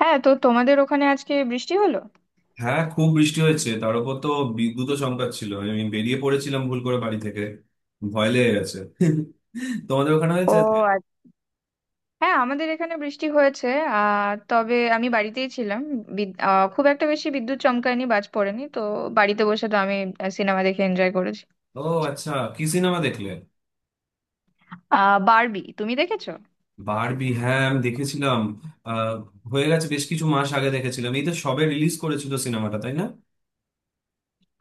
হ্যাঁ, তো তোমাদের ওখানে আজকে বৃষ্টি হলো? হ্যাঁ, খুব বৃষ্টি হয়েছে। তার উপর তো বিদ্যুৎও সংকট ছিল। আমি বেরিয়ে পড়েছিলাম ভুল করে বাড়ি থেকে, ভয় লেগে গেছে। তোমাদের ওখানে ও, হয়েছে? আচ্ছা। হ্যাঁ, আমাদের এখানে বৃষ্টি হয়েছে। তবে আমি বাড়িতেই ছিলাম। খুব একটা বেশি বিদ্যুৎ চমকায়নি, বাজ পড়েনি তো। বাড়িতে বসে তো আমি সিনেমা দেখে এনজয় করেছি। ও, আচ্ছা। কি সিনেমা দেখলে? বারবি, তুমি দেখেছো? বারবি, হ্যাঁ আমি দেখেছিলাম। আহ হয়ে গেছে বেশ কিছু মাস আগে দেখেছিলাম। এই তো সবে রিলিজ করেছিল সিনেমাটা, তাই না?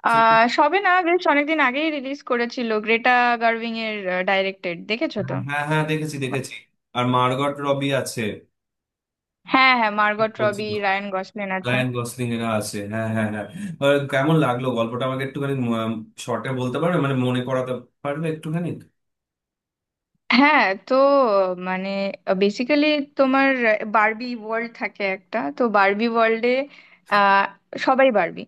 সবে না, বেশ অনেকদিন আগেই রিলিজ করেছিল। গ্রেটা গার্ভিং এর ডাইরেক্টেড, দেখেছো তো? হ্যাঁ, হ্যাঁ, হ্যাঁ, দেখেছি দেখেছি। আর মার্গট রবি আছে। হ্যাঁ হ্যাঁ, ঠিক মার্গট বলছি রবি, তো? রায়ান গসলিন আছে। রায়ান গসলিং এরা আছে, হ্যাঁ, হ্যাঁ, হ্যাঁ। আর কেমন লাগলো গল্পটা? আমাকে একটুখানি শর্টে বলতে পারবে, মানে মনে করাতে পারবে একটুখানি? হ্যাঁ, তো মানে বেসিক্যালি তোমার বারবি ওয়ার্ল্ড থাকে একটা, তো বারবি ওয়ার্ল্ডে আহ সবাই বারবি।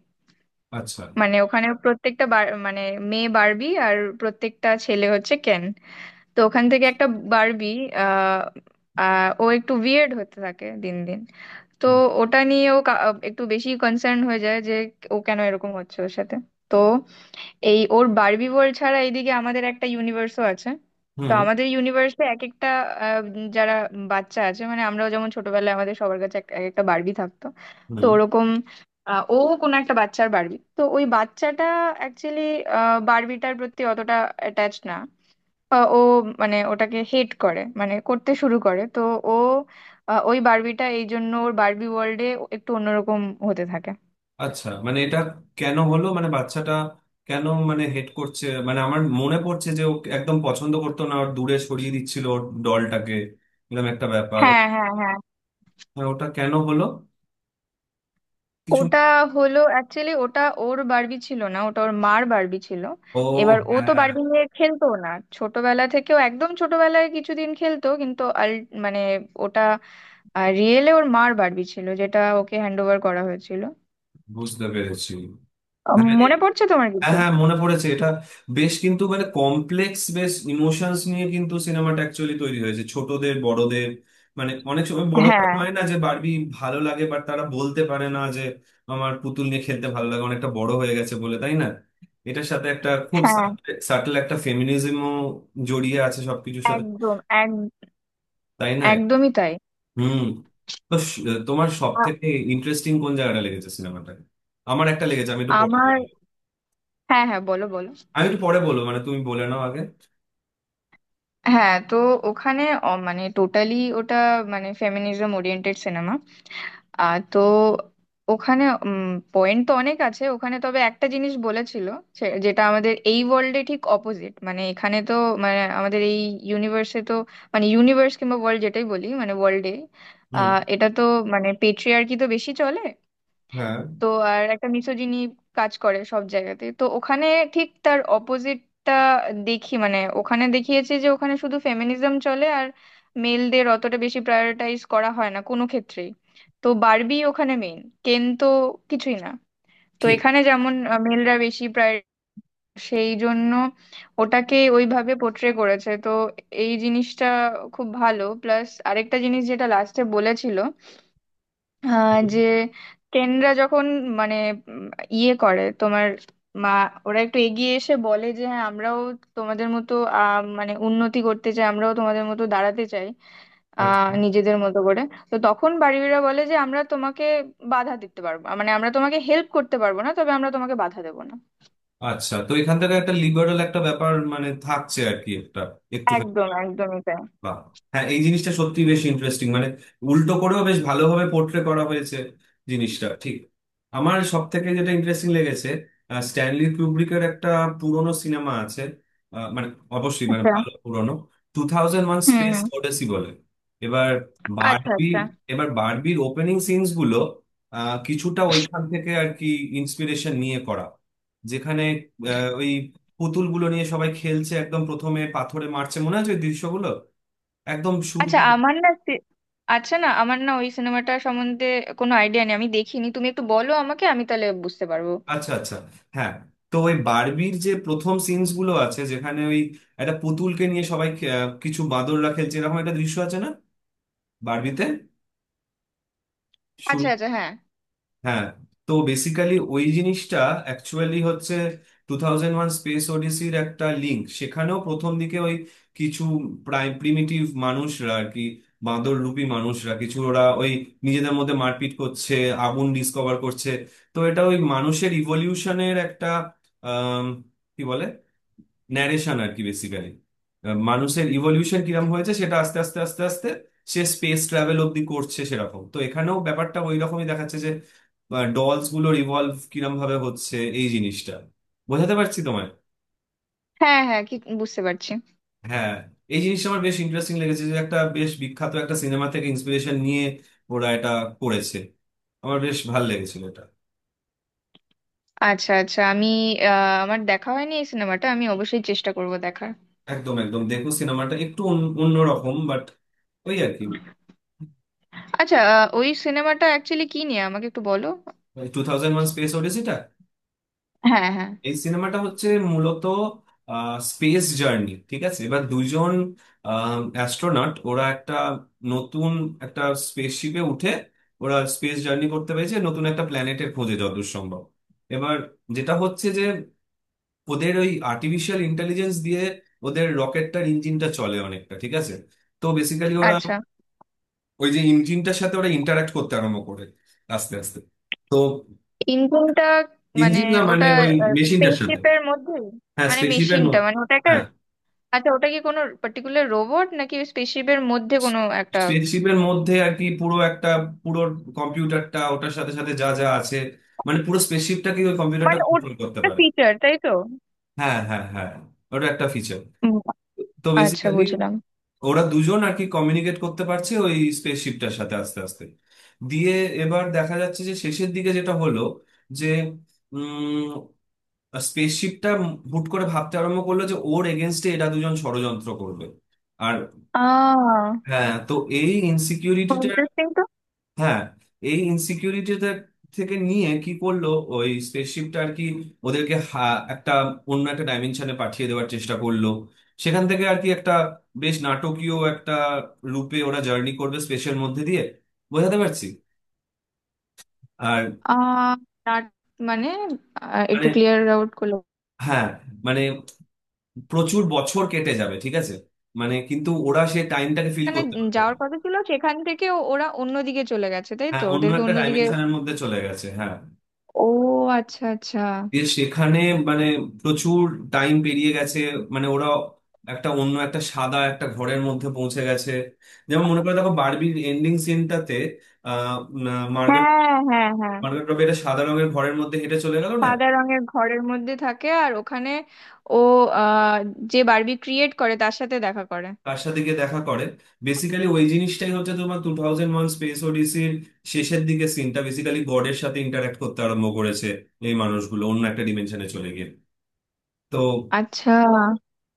আচ্ছা। ওখানে প্রত্যেকটা বার- মানে মেয়ে বারবি আর প্রত্যেকটা ছেলে হচ্ছে কেন। তো ওখান থেকে একটা বারবি আহ আহ, ও একটু উইয়ার্ড হতে থাকে দিন দিন। তো ওটা নিয়ে একটু বেশি কনসার্ন হয়ে যায় যে ও কেন এরকম হচ্ছে ওর সাথে। তো এই ওর বারবি ওয়ার্ল্ড ছাড়া এইদিকে আমাদের একটা ইউনিভার্সও আছে। তো হুম, আমাদের ইউনিভার্সে এক একটা, আহ, যারা বাচ্চা আছে, মানে আমরাও যেমন ছোটবেলায় আমাদের সবার কাছে এক এক একটা বারবি থাকতো। তো হুম। ওরকম ও কোন একটা বাচ্চার বারবি, তো ওই বাচ্চাটা অ্যাকচুয়ালি বারবিটার প্রতি অতটা অ্যাটাচ না। ও মানে ওটাকে হেট করে, করতে শুরু করে তো। ও ওই বারবিটা এই জন্য ওর বারবি ওয়ার্ল্ডে একটু অন্যরকম হতে থাকে। আচ্ছা, মানে এটা কেন হলো, মানে বাচ্চাটা কেন, মানে হেড করছে? মানে আমার মনে পড়ছে যে ও একদম পছন্দ করতো না, ওর দূরে সরিয়ে দিচ্ছিল ওর ডলটাকে, এরকম একটা ব্যাপার। হ্যাঁ হ্যাঁ হ্যাঁ। হ্যাঁ, ওটা কেন হলো কিছু? ওটা হলো অ্যাকচুয়ালি, ওটা ওর বারবি ছিল না, ওটা ওর মার বারবি ছিল। ও, এবার ও তো হ্যাঁ। বারবি নিয়ে খেলতো না ছোটবেলা থেকেও, একদম ছোটবেলায় কিছুদিন খেলতো, কিন্তু আল মানে ওটা রিয়েলে ওর মার বারবি ছিল, যেটা ওকে হ্যান্ড ওভার করা হয়েছিল। বুঝতে পেরেছি। আহ, হ্যাঁ, মনে হ্যাঁ, পড়ছে তোমার কিছু? হ্যাঁ, মনে পড়েছে এটা। বেশ, কিন্তু মানে কমপ্লেক্স বেশ ইমোশনস নিয়ে কিন্তু সিনেমাটা অ্যাকচুয়ালি তৈরি হয়েছে, ছোটদের বড়দের। মানে অনেক সময় বড়দের হ্যাঁ হয় না যে বারবি ভালো লাগে, বাট তারা বলতে পারে না যে আমার পুতুল নিয়ে খেলতে ভালো লাগে, অনেকটা বড় হয়ে গেছে বলে, তাই না? এটার সাথে একটা খুব হ্যাঁ, সাটল একটা ফেমিনিজমও জড়িয়ে আছে সবকিছুর সাথে, একদম। এক তাই না? একদমই তাই। হুম। তো তোমার সব আ- থেকে ইন্টারেস্টিং কোন জায়গাটা লেগেছে সিনেমাটাকে? আমার একটা লেগেছে, আমি একটু পরে আমার বলবো। হ্যাঁ হ্যাঁ, বলো বলো। আমি একটু পরে বলবো, মানে তুমি বলে নাও আগে। হ্যাঁ, তো ওখানে অ- মানে টোটালি ওটা ফেমিনিজম ওরিয়েন্টেড সিনেমা। তো ওখানে পয়েন্ট তো অনেক আছে, ওখানে তবে একটা জিনিস বলেছিল যেটা আমাদের এই ওয়ার্ল্ডে ঠিক অপোজিট। মানে এখানে তো, আমাদের এই ইউনিভার্সে তো, মানে ইউনিভার্স কিংবা ওয়ার্ল্ড যেটাই বলি, ওয়ার্ল্ডে এটা তো পেট্রিয়ার্কি তো বেশি চলে। হ্যাঁ। তো আর একটা মিsogyny কাজ করে সব জায়গাতে, তো ওখানে ঠিক তার অপোজিটটা দেখি। মানে ওখানে দেখিয়েছে যে ওখানে শুধু ফেমিনিজম চলে আর মেলদের অতটা বেশি প্রায়োরিটাইজ করা হয় না কোনো ক্ষেত্রেই। তো বারবি ওখানে মেইন, কেন তো কিছুই না। তো ঠিক। এখানে যেমন মেলরা বেশি প্রায়, সেই জন্য ওটাকে ওইভাবে পোট্রে করেছে তো। এই জিনিসটা খুব ভালো। প্লাস আরেকটা জিনিস যেটা লাস্টে বলেছিল, আহ, যে টেনরা যখন, মানে উম, ইয়ে করে তোমার মা, ওরা একটু এগিয়ে এসে বলে যে হ্যাঁ, আমরাও তোমাদের মতো আহ, মানে উন্নতি করতে চাই, আমরাও তোমাদের মতো দাঁড়াতে চাই আচ্ছা, নিজেদের মতো করে। তো তখন বাড়িওয়ালা বলে যে আমরা তোমাকে বাধা দিতে পারবো, মানে আমরা তোমাকে হেল্প করতে পারবো না, তবে আমরা তোমাকে বাধা দেবো না। আচ্ছা। তো এখান থেকে একটা লিবারেল একটা ব্যাপার মানে থাকছে আর কি, একটা একটুখানি। একদম, একদমই তাই। বাহ। হ্যাঁ, এই জিনিসটা সত্যি বেশ ইন্টারেস্টিং, মানে উল্টো করেও বেশ ভালোভাবে পোর্ট্রে করা হয়েছে জিনিসটা, ঠিক। আমার সব থেকে যেটা ইন্টারেস্টিং লেগেছে, স্ট্যানলি কুব্রিকের একটা পুরনো সিনেমা আছে। আহ, মানে অবশ্যই মানে আচ্ছা। ভালো পুরনো, টু থাউজেন্ড ওয়ান হুম স্পেস হুম। ওডেসি বলে। এবার আচ্ছা বারবি, আচ্ছা। এবার বারবির ওপেনিং সিনস গুলো কিছুটা ওইখান থেকে আর কি ইন্সপিরেশন নিয়ে করা, যেখানে ওই পুতুলগুলো নিয়ে সবাই খেলছে, একদম প্রথমে পাথরে মারছে, মনে আছে ওই দৃশ্যগুলো, একদম শুরু আচ্ছা করে- আমার না সে- আচ্ছা না, আমার না ওই সিনেমাটা সম্বন্ধে কোনো আইডিয়া নেই, আমি দেখিনি। তুমি একটু বলো আমাকে, আমি তাহলে বুঝতে পারবো। আচ্ছা, আচ্ছা, হ্যাঁ। তো ওই বারবির যে প্রথম সিনস গুলো আছে যেখানে ওই একটা পুতুলকে নিয়ে সবাই কিছু বাঁদররা খেলছে, এরকম একটা দৃশ্য আছে না বারবিতে শুরু? আচ্ছা আচ্ছা। হ্যাঁ হ্যাঁ, তো বেসিক্যালি ওই জিনিসটা অ্যাকচুয়ালি হচ্ছে টু থাউজেন্ড ওয়ান স্পেস ওডিসির একটা লিঙ্ক। সেখানেও প্রথম দিকে ওই কিছু প্রায় প্রিমিটিভ মানুষরা আর কি, বাঁদর রূপী মানুষরা কিছু, ওরা ওই নিজেদের মধ্যে মারপিট করছে, আগুন ডিসকভার করছে। তো এটা ওই মানুষের ইভলিউশনের একটা, আম, কি বলে, ন্যারেশন আর কি বেসিক্যালি, মানুষের ইভলিউশন কিরকম হয়েছে সেটা আস্তে আস্তে আস্তে আস্তে সে স্পেস ট্রাভেল অব্দি করছে। সেরকম তো এখানেও ব্যাপারটা ওই রকমই দেখাচ্ছে যে ডলস গুলোর ইভলভ কিরম ভাবে হচ্ছে। এই জিনিসটা বোঝাতে পারছি তোমায়? হ্যাঁ হ্যাঁ, কি বুঝতে পারছি। হ্যাঁ। এই জিনিসটা আমার বেশ ইন্টারেস্টিং লেগেছে, যে একটা বেশ বিখ্যাত একটা সিনেমা থেকে ইন্সপিরেশন নিয়ে ওরা এটা করেছে। আমার বেশ ভালো লেগেছিল এটা। আচ্ছা আচ্ছা আমি আহ, আমার দেখা হয়নি এই সিনেমাটা, আমি অবশ্যই চেষ্টা করব দেখার। একদম, একদম দেখো সিনেমাটা, একটু অন্য রকম বাট, ওই আর কি। আচ্ছা, ওই সিনেমাটা অ্যাকচুয়ালি কি নিয়ে আমাকে একটু বলো। টু থাউজেন্ড ওয়ান স্পেস ওডিসিটা হ্যাঁ হ্যাঁ। এই সিনেমাটা হচ্ছে মূলত স্পেস জার্নি, ঠিক আছে? এবার দুজন অ্যাস্ট্রোনট ওরা একটা নতুন একটা স্পেসশিপে উঠে ওরা স্পেস জার্নি করতে পেরেছে, নতুন একটা প্ল্যানেটের খোঁজে যতদূর সম্ভব। এবার যেটা হচ্ছে যে ওদের ওই আর্টিফিশিয়াল ইন্টেলিজেন্স দিয়ে ওদের রকেটটার ইঞ্জিনটা চলে অনেকটা, ঠিক আছে? তো বেসিক্যালি ওরা আচ্ছা। ওই যে ইঞ্জিনটার সাথে ওরা ইন্টারাক্ট করতে আরম্ভ করে আস্তে আস্তে। তো ইঞ্জিনটা মানে ইঞ্জিন না, মানে ওটা, ওই মেশিনটার সাথে। স্পেসশিপের মধ্যে, হ্যাঁ, মানে স্পেসশিপের মেশিনটা, মধ্যে। মানে ওটা একটা। হ্যাঁ, আচ্ছা, ওটা কি কোনো পার্টিকুলার রোবট নাকি স্পেসশিপের মধ্যে কোনো একটা? স্পেসশিপের মধ্যে আর কি, পুরো একটা পুরো কম্পিউটারটা, ওটার সাথে সাথে যা যা আছে, মানে পুরো স্পেসশিপটাকে ওই কম্পিউটারটা মানে কন্ট্রোল করতে ওটা পারে। ফিচার তাই তো? হ্যাঁ, হ্যাঁ, হ্যাঁ, ওটা একটা ফিচার। উম, তো আচ্ছা, বেসিক্যালি বুঝলাম। ওরা দুজন আর কি কমিউনিকেট করতে পারছে ওই স্পেসশিপটার সাথে আস্তে আস্তে দিয়ে। এবার দেখা যাচ্ছে যে শেষের দিকে যেটা হলো যে স্পেসশিপটা হুট করে ভাবতে আরম্ভ করলো যে ওর এগেনস্টে এরা দুজন ষড়যন্ত্র করবে। আর আহ হ্যাঁ, তো এই ইনসিকিউরিটিটা, ইন্টারেস্টিং তো। হ্যাঁ এই ইনসিকিউরিটিটা থেকে নিয়ে কি করলো ওই স্পেসশিপটা আর কি, একটা অন্য একটা ডাইমেনশনে পাঠিয়ে দেওয়ার চেষ্টা করলো। সেখান থেকে আর কি একটা বেশ নাটকীয় একটা রূপে ওরা জার্নি করবে স্পেসের মধ্যে দিয়ে। বোঝাতে পারছি? আর আহ না- মানে আহ, মানে একটু ক্লিয়ার আউট করলো হ্যাঁ, মানে প্রচুর বছর কেটে যাবে, ঠিক আছে, মানে কিন্তু ওরা সেই টাইমটাকে ফিল মানে, করতে পারবে না। যাওয়ার কথা ছিল সেখান থেকে, ওরা অন্যদিকে চলে গেছে তাই হ্যাঁ, তো, অন্য ওদেরকে একটা অন্যদিকে। ডাইমেনশনের মধ্যে চলে গেছে, হ্যাঁ। ও আচ্ছা আচ্ছা। দিয়ে সেখানে মানে প্রচুর টাইম পেরিয়ে গেছে, মানে ওরা একটা অন্য একটা সাদা একটা ঘরের মধ্যে পৌঁছে গেছে। যেমন মনে করে দেখো বারবির এন্ডিং সিনটাতে, আহ মার্গারেট হ্যাঁ হ্যাঁ হ্যাঁ, মার্গারেট রবি একটা সাদা রঙের ঘরের মধ্যে হেঁটে চলে গেল না? সাদা রঙের ঘরের মধ্যে থাকে আর ওখানে ও আহ যে বারবি ক্রিয়েট করে তার সাথে দেখা করে। কার সাথে গিয়ে দেখা করে? বেসিক্যালি ওই জিনিসটাই হচ্ছে তোমার টু থাউজেন্ড ওয়ান স্পেস ওডিসির শেষের দিকে সিনটা, বেসিক্যালি গডের সাথে ইন্টারাক্ট করতে আরম্ভ করেছে এই মানুষগুলো অন্য একটা ডিমেনশনে চলে গিয়ে। তো আচ্ছা।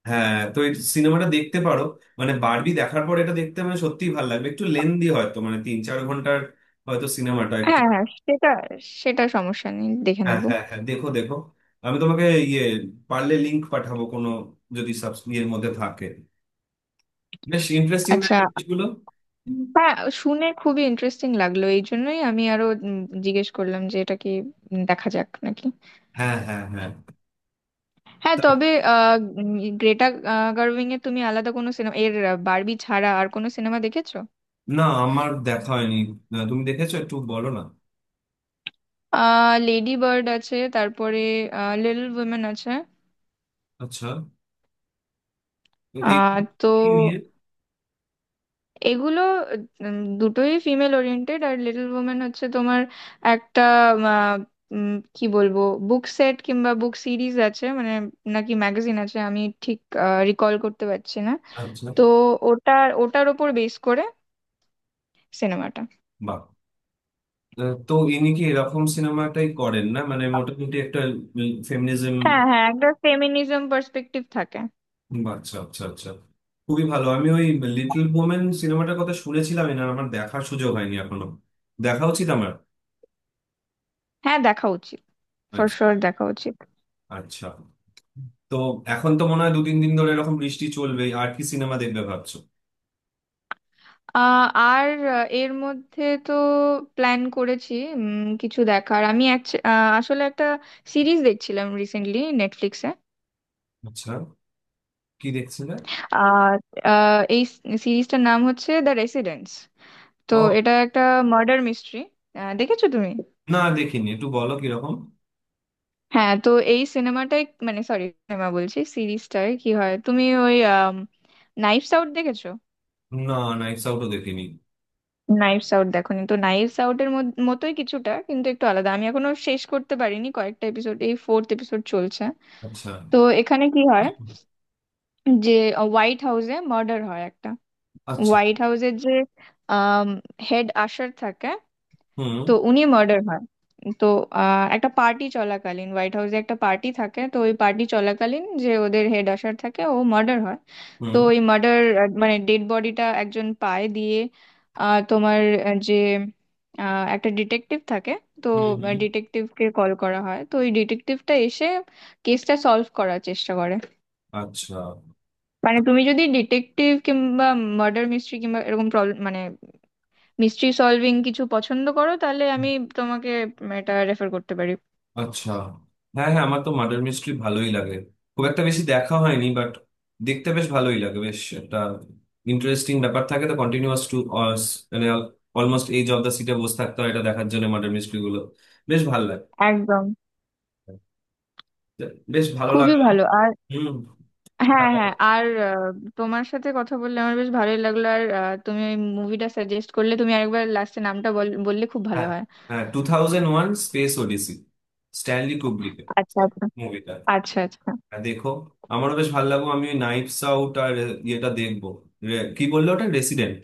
হ্যাঁ, তো এই সিনেমাটা দেখতে পারো, মানে বারবি দেখার পর এটা দেখতে মানে সত্যিই ভালো লাগবে। একটু লেন্দি হয়তো, মানে 3-4 ঘন্টার হয়তো সিনেমাটা একটু। হ্যাঁ হ্যাঁ, সেটা সেটা সমস্যা নেই, দেখে হ্যাঁ, নেব। হ্যাঁ, হ্যাঁ, দেখো দেখো। আমি তোমাকে ইয়ে, পারলে লিংক পাঠাবো কোনো, যদি সাবস্ক্রিপ্টের মধ্যে থাকে। বেশ ইন্টারেস্টিং না আচ্ছা। এই জিনিসগুলো? হ্যাঁ, শুনে খুবই ইন্টারেস্টিং লাগলো, এই জন্যই আমি আরো জিজ্ঞেস করলাম যে এটা কি। দেখা যাক নাকি। হ্যাঁ, হ্যাঁ, হ্যাঁ। হ্যাঁ, তবে গ্রেটা গার্ভিং এর তুমি আলাদা কোনো সিনেমা, বারবি ছাড়া আর কোনো সিনেমা দেখেছো? না, আমার দেখা হয়নি। না, তুমি দেখেছো একটু বলো না। লেডি বার্ড আছে, তারপরে লিটল উইমেন আছে। আচ্ছা, তো এ কি, তো কি নিয়ে? এগুলো দুটোই ফিমেল ওরিয়েন্টেড। আর লিটল ওমেন হচ্ছে তোমার একটা, আহ, উম, কি বলবো, বুক সেট কিংবা বুক সিরিজ আছে মানে, নাকি ম্যাগাজিন আছে, আমি ঠিক রিকল করতে পারছি না। আচ্ছা। তো ওটার ওটার ওপর বেস করে সিনেমাটা। বাহ। তো ইনি কি এরকম সিনেমাটাই করেন না, মানে মোটামুটি একটা ফেমিনিজম? হ্যাঁ হ্যাঁ, একটা ফেমিনিজম পার্সপেক্টিভ থাকে। আচ্ছা, আচ্ছা, আচ্ছা। খুবই ভালো। আমি ওই লিটল বোমেন সিনেমাটার কথা শুনেছিলাম, না আমার দেখার সুযোগ হয়নি এখনো। দেখা উচিত আমার। হ্যাঁ, দেখা উচিত, ফর আচ্ছা, শিওর দেখা উচিত। আচ্ছা। তো এখন তো মনে হয় দু তিন দিন ধরে এরকম বৃষ্টি চলবে আর কি। সিনেমা দেখবে ভাবছো? আহ, আর এর মধ্যে তো প্ল্যান করেছি কিছু দেখার। আমি আসলে একটা সিরিজ দেখছিলাম রিসেন্টলি নেটফ্লিক্সে। আচ্ছা। কি দেখছিলে? আর এই সিরিজটার নাম হচ্ছে দ্য রেসিডেন্স। তো ও, এটা একটা মার্ডার মিস্ট্রি, দেখেছো তুমি? না দেখিনি, একটু বলো কিরকম। হ্যাঁ, তো এই সিনেমাটাই মানে সরি সিনেমা বলছি সিরিজটায় কি হয়, তুমি ওই নাইফস আউট দেখেছো? না, নাইটস আউটও দেখিনি। নাইভস আউট দেখোনি তো, নাইভস আউটের মতোই কিছুটা, কিন্তু একটু আলাদা। আমি এখনো শেষ করতে পারিনি, কয়েকটা এপিসোড, এই ফোর্থ এপিসোড চলছে। আচ্ছা, তো এখানে কি হয় যে হোয়াইট হাউসে মার্ডার হয় একটা। আচ্ছা। হোয়াইট হাউসের যে হেড আশার থাকে, হুম, তো উনি মার্ডার হয়। তো একটা পার্টি চলাকালীন, হোয়াইট হাউসে একটা পার্টি থাকে, তো ওই পার্টি চলাকালীন যে ওদের হেড আশার থাকে, ও মার্ডার হয়। তো হুম। ওই মার্ডার, মানে ডেড বডিটা একজন পায়। দিয়ে আহ, তোমার আহ, যে আহ, একটা ডিটেকটিভ থাকে, তো হুম, হুম। ডিটেকটিভকে কল করা হয়, তো ওই ডিটেকটিভটা এসে কেসটা সলভ করার চেষ্টা করে। আচ্ছা, মানে তুমি যদি ডিটেকটিভ কিংবা মার্ডার মিস্ট্রি কিংবা এরকম প্রবলেম, মিস্ট্রি সলভিং কিছু পছন্দ করো, তাহলে আমি তোমাকে এটা রেফার করতে পারি। আচ্ছা। হ্যাঁ, হ্যাঁ, আমার তো মার্ডার মিস্ট্রি ভালোই লাগে। খুব একটা বেশি দেখা হয়নি বাট দেখতে বেশ ভালোই লাগে, বেশ একটা ইন্টারেস্টিং ব্যাপার থাকে তো, কন্টিনিউয়াস টু, মানে অলমোস্ট এই জব দ্য সিটে বসে থাকতে হয় এটা দেখার জন্য। মার্ডার মিস্ট্রি গুলো বেশ ভালো লাগে। একদম। বেশ ভালো খুবই লাগলো। ভালো। আর হুম। হ্যাঁ, হ্যাঁ বলো। হ্যাঁ, আর তোমার সাথে কথা বললে আমার বেশ ভালোই লাগলো। আর তুমি ওই মুভিটা সাজেস্ট করলে, তুমি আরেকবার লাস্টে নামটা বললে খুব ভালো হ্যাঁ, হয়। হ্যাঁ, two thousand one space Odyssey, Stanley কুব্রিকের আচ্ছা আচ্ছা। মুভিটা। আচ্ছা আচ্ছা। হ্যাঁ, দেখো। আমারও বেশ ভালো লাগলো। আমি নাইটস আউট আর ইয়েটা দেখবো। কি বললো ওটা, resident?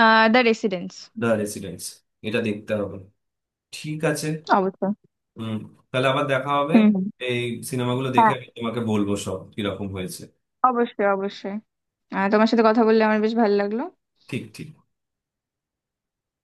The Residence. The Residents, এটা দেখতে হবে, ঠিক আছে। অবশ্যই। হুম। তাহলে আবার দেখা হবে। হুম হুম। এই সিনেমাগুলো দেখে হ্যাঁ, আমি তোমাকে বলবো সব কিরকম হয়েছে। অবশ্যই অবশ্যই। তোমার সাথে কথা বললে আমার বেশ ভালো লাগলো। ঠিক, ঠিক।